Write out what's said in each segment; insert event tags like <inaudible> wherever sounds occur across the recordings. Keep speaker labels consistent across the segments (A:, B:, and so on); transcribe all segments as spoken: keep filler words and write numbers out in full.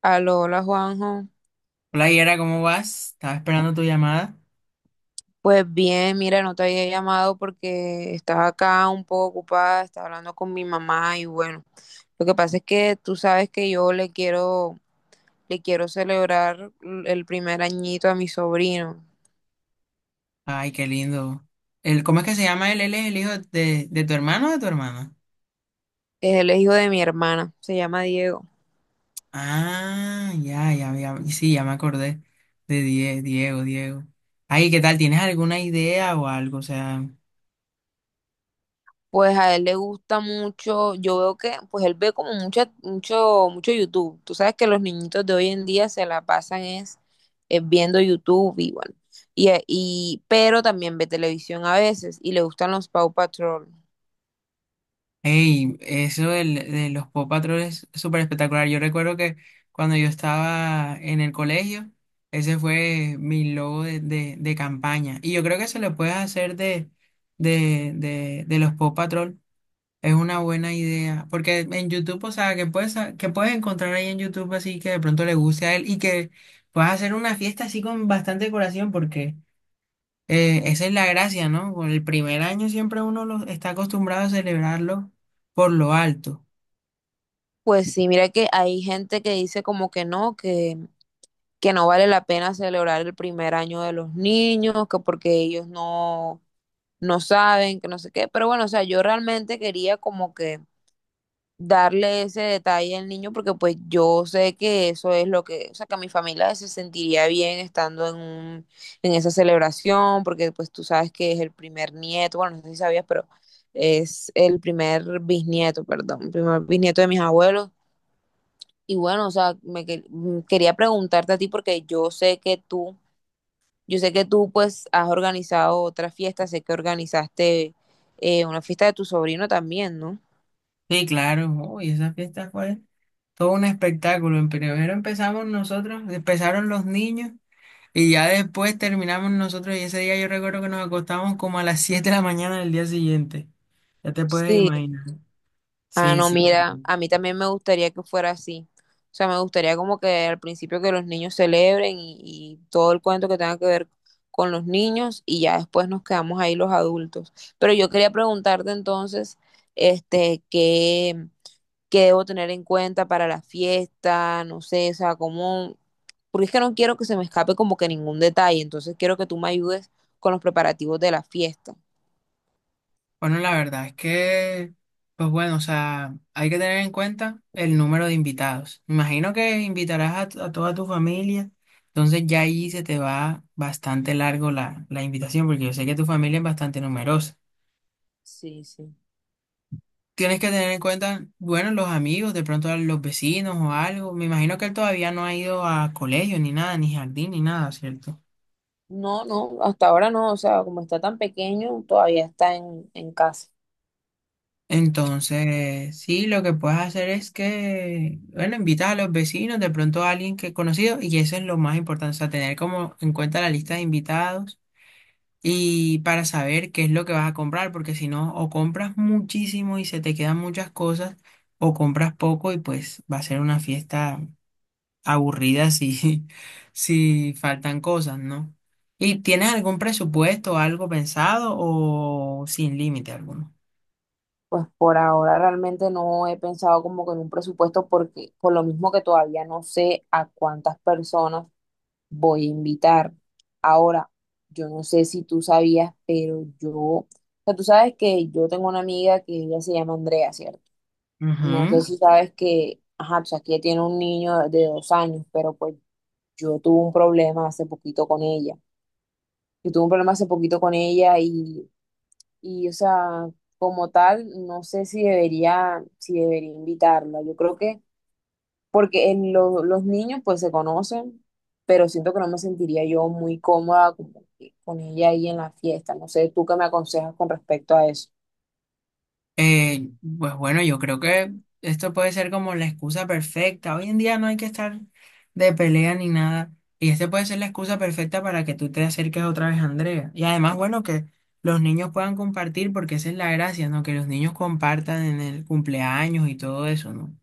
A: Aló, hola Juanjo.
B: Hola Yera, ¿cómo vas? Estaba esperando tu llamada.
A: Pues bien, mira, no te había llamado porque estaba acá un poco ocupada, estaba hablando con mi mamá y bueno, lo que pasa es que tú sabes que yo le quiero, le quiero celebrar l- el primer añito a mi sobrino.
B: Ay, qué lindo. El, ¿cómo es que se llama él? ¿Él es el hijo de, de tu hermano o de tu hermana?
A: Es el hijo de mi hermana, se llama Diego.
B: Ah, ya, ya, ya. Sí, ya me acordé de Die- Diego, Diego. Ay, ¿qué tal? ¿Tienes alguna idea o algo? O sea,
A: Pues a él le gusta mucho, yo veo que, pues él ve como mucha, mucho, mucho YouTube. Tú sabes que los niñitos de hoy en día se la pasan es eh, viendo YouTube y bueno. Y, eh, y, pero también ve televisión a veces y le gustan los Paw Patrol.
B: hey, eso del- de los Paw Patrol es súper espectacular. Yo recuerdo que cuando yo estaba en el colegio, ese fue mi logo de, de, de campaña. Y yo creo que se lo puedes hacer de, de, de, de los Paw Patrol. Es una buena idea, porque en YouTube, o sea, que puedes, que puedes encontrar ahí en YouTube así que de pronto le guste a él y que puedas hacer una fiesta así con bastante decoración, porque eh, esa es la gracia, ¿no? Con el primer año siempre uno lo, está acostumbrado a celebrarlo por lo alto.
A: Pues sí, mira que hay gente que dice como que no, que, que no vale la pena celebrar el primer año de los niños, que porque ellos no, no saben, que no sé qué. Pero bueno, o sea, yo realmente quería como que darle ese detalle al niño porque pues yo sé que eso es lo que, o sea, que a mi familia se sentiría bien estando en un, en esa celebración, porque pues tú sabes que es el primer nieto, bueno, no sé si sabías, pero es el primer bisnieto, perdón, el primer bisnieto de mis abuelos. Y bueno, o sea, me que- mm, quería preguntarte a ti porque yo sé que tú, yo sé que tú pues has organizado otra fiesta, sé que organizaste eh, una fiesta de tu sobrino también, ¿no?
B: Sí, claro, uy, esa fiesta fue todo un espectáculo. En primero empezamos nosotros, empezaron los niños y ya después terminamos nosotros, y ese día yo recuerdo que nos acostamos como a las siete de la mañana del día siguiente. Ya te puedes
A: Sí.
B: imaginar.
A: Ah,
B: Sí,
A: no,
B: sí.
A: mira,
B: Sí.
A: a mí también me gustaría que fuera así. O sea, me gustaría como que al principio que los niños celebren y, y todo el cuento que tenga que ver con los niños y ya después nos quedamos ahí los adultos. Pero yo quería preguntarte entonces, este, qué, qué debo tener en cuenta para la fiesta, no sé, o sea, cómo, porque es que no quiero que se me escape como que ningún detalle, entonces quiero que tú me ayudes con los preparativos de la fiesta.
B: Bueno, la verdad es que, pues bueno, o sea, hay que tener en cuenta el número de invitados. Me imagino que invitarás a, t- a toda tu familia, entonces ya ahí se te va bastante largo la, la invitación, porque yo sé que tu familia es bastante numerosa.
A: Sí, sí.
B: Tienes que tener en cuenta, bueno, los amigos, de pronto a los vecinos o algo. Me imagino que él todavía no ha ido a colegio ni nada, ni jardín ni nada, ¿cierto?
A: No, no, hasta ahora no, o sea, como está tan pequeño, todavía está en, en casa.
B: Entonces, sí, lo que puedes hacer es que, bueno, invitas a los vecinos, de pronto a alguien que es conocido, y eso es lo más importante, o sea, tener como en cuenta la lista de invitados y para saber qué es lo que vas a comprar, porque si no, o compras muchísimo y se te quedan muchas cosas, o compras poco y pues va a ser una fiesta aburrida si, <laughs> si faltan cosas, ¿no? ¿Y tienes algún presupuesto o algo pensado o sin límite alguno?
A: Pues por ahora realmente no he pensado como que en un presupuesto porque por lo mismo que todavía no sé a cuántas personas voy a invitar. Ahora, yo no sé si tú sabías, pero yo, o sea, tú sabes que yo tengo una amiga que ella se llama Andrea, ¿cierto? No sé
B: Ujú.
A: si sabes que, ajá, o sea, que ella tiene un niño de dos años, pero pues yo tuve un problema hace poquito con ella. Yo tuve un problema hace poquito con ella y, y, o sea, como tal, no sé si debería, si debería invitarla. Yo creo que, porque en lo- los niños pues se conocen, pero siento que no me sentiría yo muy cómoda con, con ella ahí en la fiesta. No sé, ¿tú qué me aconsejas con respecto a eso?
B: Eh, pues bueno, yo creo que esto puede ser como la excusa perfecta. Hoy en día no hay que estar de pelea ni nada. Y este puede ser la excusa perfecta para que tú te acerques otra vez a Andrea. Y además, bueno, que los niños puedan compartir, porque esa es la gracia, ¿no? Que los niños compartan en el cumpleaños y todo eso, ¿no?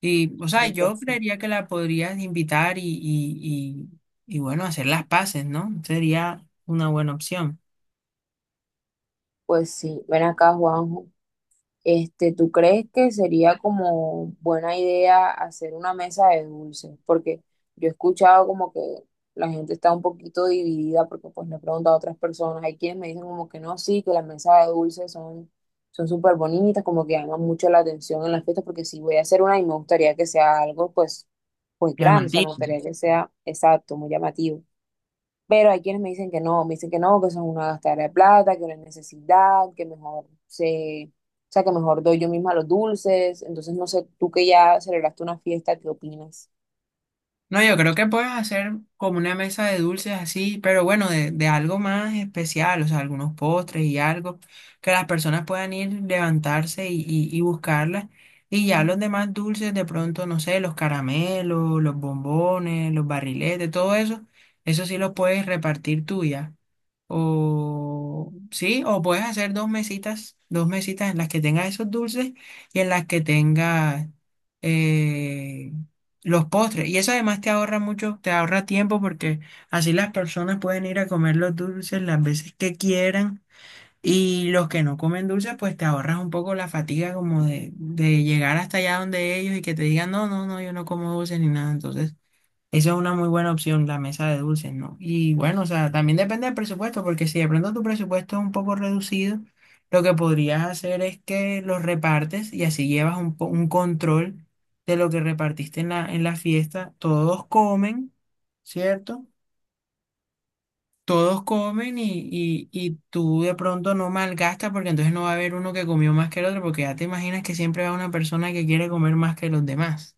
B: Y, o sea,
A: Pero,
B: yo
A: pues,
B: creería que la podrías invitar y, y, y, y bueno, hacer las paces, ¿no? Sería una buena opción.
A: pues sí, ven acá, Juan. Este, ¿tú crees que sería como buena idea hacer una mesa de dulces? Porque yo he escuchado como que la gente está un poquito dividida porque pues le he preguntado a otras personas. Hay quienes me dicen como que no, sí, que las mesas de dulces son son súper bonitas, como que llaman mucho la atención en las fiestas porque si voy a hacer una y me gustaría que sea algo pues pues grande, o sea, me
B: Llamativo.
A: gustaría que sea exacto, muy llamativo. Pero hay quienes me dicen que no, me dicen que no, que eso es una gastadera de plata, que no es necesidad, que mejor se, o sea, que mejor doy yo misma los dulces. Entonces, no sé, tú que ya celebraste una fiesta, ¿qué opinas?
B: No, yo creo que puedes hacer como una mesa de dulces así, pero bueno, de, de algo más especial, o sea, algunos postres y algo, que las personas puedan ir, levantarse y, y, y buscarlas. Y ya los demás dulces, de pronto, no sé, los caramelos, los bombones, los barriletes, todo eso, eso sí lo puedes repartir tú ya. O sí, o puedes hacer dos mesitas, dos mesitas en las que tengas esos dulces y en las que tengas eh, los postres. Y eso además te ahorra mucho, te ahorra tiempo porque así las personas pueden ir a comer los dulces las veces que quieran. Y los que no comen dulces, pues te ahorras un poco la fatiga como de, de llegar hasta allá donde ellos y que te digan, no, no, no, yo no como dulces ni nada. Entonces esa es una muy buena opción, la mesa de dulces, ¿no? Y bueno, o sea, también depende del presupuesto, porque si de pronto tu presupuesto es un poco reducido, lo que podrías hacer es que los repartes y así llevas un, po- un control de lo que repartiste en la, en la fiesta. Todos comen, ¿cierto? Todos comen y, y, y tú de pronto no malgastas, porque entonces no va a haber uno que comió más que el otro, porque ya te imaginas que siempre va una persona que quiere comer más que los demás.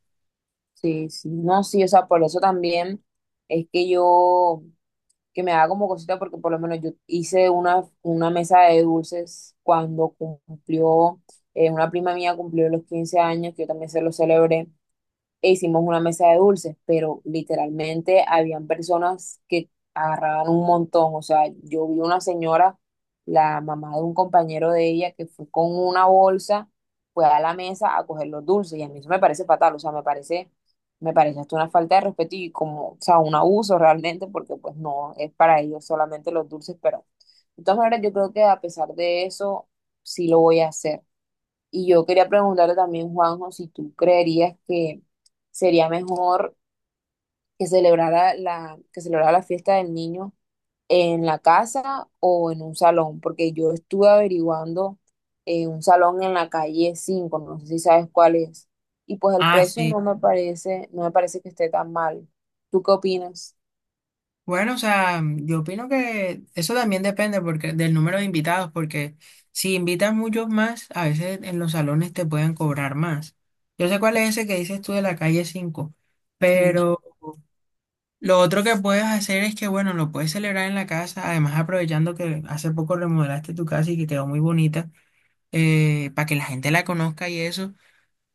A: Sí, sí, no, sí, o sea, por eso también es que yo, que me haga como cosita, porque por lo menos yo hice una, una mesa de dulces cuando cumplió, eh, una prima mía cumplió los quince años, que yo también se los celebré. E hicimos una mesa de dulces, pero literalmente habían personas que agarraban un montón. O sea, yo vi una señora, la mamá de un compañero de ella, que fue con una bolsa, fue a la mesa a coger los dulces. Y a mí eso me parece fatal, o sea, me parece, me parece hasta una falta de respeto y como, o sea, un abuso realmente, porque pues no, es para ellos solamente los dulces, pero de todas maneras yo creo que a pesar de eso, sí lo voy a hacer. Y yo quería preguntarle también, Juanjo, si tú creerías que sería mejor que celebrara la, que celebrara la fiesta del niño en la casa o en un salón, porque yo estuve averiguando eh, un salón en la calle cinco, no sé si sabes cuál es. Y pues el
B: Ah,
A: precio
B: sí.
A: no me parece, no me parece que esté tan mal. ¿Tú qué opinas?
B: Bueno, o sea, yo opino que eso también depende porque, del número de invitados, porque si invitas muchos más, a veces en los salones te pueden cobrar más. Yo sé cuál es ese que dices tú de la calle cinco,
A: Mm.
B: pero lo otro que puedes hacer es que, bueno, lo puedes celebrar en la casa, además aprovechando que hace poco remodelaste tu casa y que quedó muy bonita, eh, para que la gente la conozca y eso.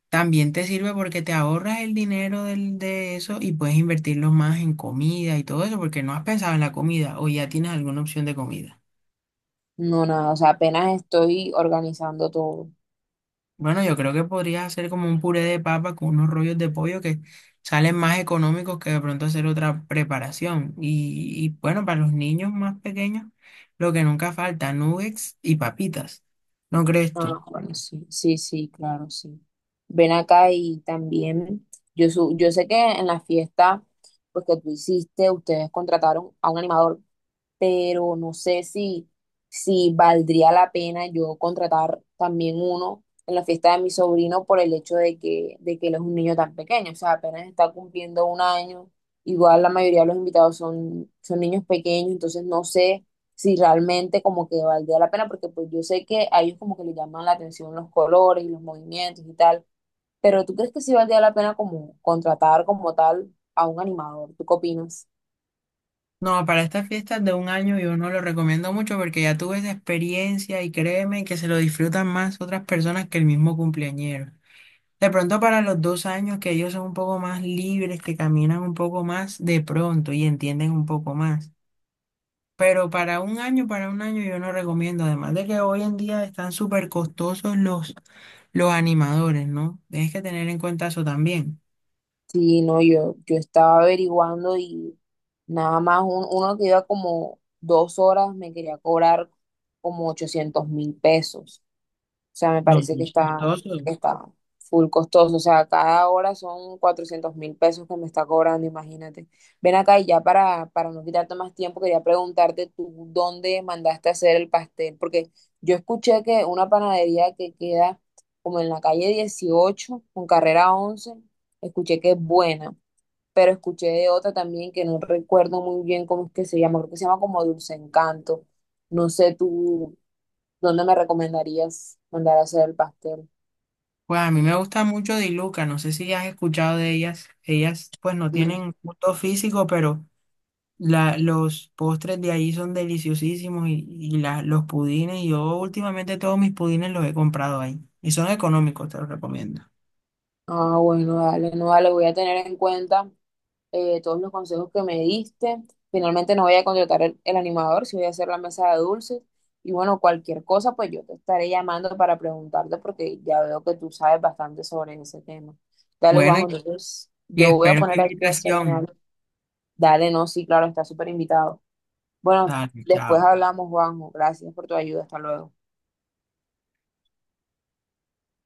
B: También te sirve porque te ahorras el dinero del- de eso y puedes invertirlo más en comida y todo eso, porque no has pensado en la comida o ya tienes alguna opción de comida.
A: No, nada, o sea, apenas estoy organizando todo.
B: Bueno, yo creo que podrías hacer como un puré de papa con unos rollos de pollo que salen más económicos que de pronto hacer otra preparación. Y, y bueno, para los niños más pequeños, lo que nunca falta, nuggets y papitas. ¿No crees
A: Ah,
B: tú?
A: bueno, sí, sí, sí, claro, sí. Ven acá y también, yo, su- yo sé que en la fiesta, pues que tú hiciste, ustedes contrataron a un animador, pero no sé si, si valdría la pena yo contratar también uno en la fiesta de mi sobrino por el hecho de que, de que él es un niño tan pequeño, o sea, apenas está cumpliendo un año, igual la mayoría de los invitados son, son niños pequeños, entonces no sé si realmente como que valdría la pena, porque pues yo sé que a ellos como que les llaman la atención los colores y los movimientos y tal, pero ¿tú crees que sí valdría la pena como contratar como tal a un animador? ¿Tú qué opinas?
B: No, para estas fiestas de un año yo no lo recomiendo mucho porque ya tuve esa experiencia y créeme que se lo disfrutan más otras personas que el mismo cumpleañero. De pronto para los dos años que ellos son un poco más libres, que caminan un poco más de pronto y entienden un poco más. Pero para un año, para un año yo no recomiendo, además de que hoy en día están súper costosos los, los animadores, ¿no? Tienes que tener en cuenta eso también.
A: Sí, no, yo, yo estaba averiguando y nada más un- uno que iba como dos horas me quería cobrar como ochocientos mil pesos. O sea, me
B: No,
A: parece
B: no,
A: que
B: es
A: está,
B: costoso.
A: está full costoso. O sea, cada hora son cuatrocientos mil pesos que me está cobrando, imagínate. Ven acá y ya para, para no quitarte más tiempo, quería preguntarte tú dónde mandaste a hacer el pastel, porque yo escuché que una panadería que queda como en la calle dieciocho con carrera once, escuché que es buena, pero escuché de otra también que no recuerdo muy bien cómo es que se llama, creo que se llama como Dulce Encanto. No sé tú. ¿Dónde me recomendarías mandar a hacer el pastel?
B: Pues a mí me gusta mucho Diluca, no sé si has escuchado de ellas. Ellas pues no
A: Mm.
B: tienen gusto físico, pero la, los postres de ahí son deliciosísimos y, y la- los pudines, yo últimamente todos mis pudines los he comprado ahí y son económicos, te los recomiendo.
A: Ah, bueno, dale, no, dale, voy a tener en cuenta eh, todos los consejos que me diste. Finalmente no voy a contratar el, el animador, sí voy a hacer la mesa de dulces. Y bueno, cualquier cosa, pues yo te estaré llamando para preguntarte porque ya veo que tú sabes bastante sobre ese tema. Dale,
B: Bueno,
A: Juanjo,
B: y,
A: entonces
B: y
A: yo voy a
B: espero tu
A: poner aquí a hacerme
B: invitación.
A: algo. Dale, no, sí, claro, está súper invitado. Bueno,
B: Dale,
A: después
B: chao.
A: hablamos, Juanjo. Gracias por tu ayuda. Hasta luego.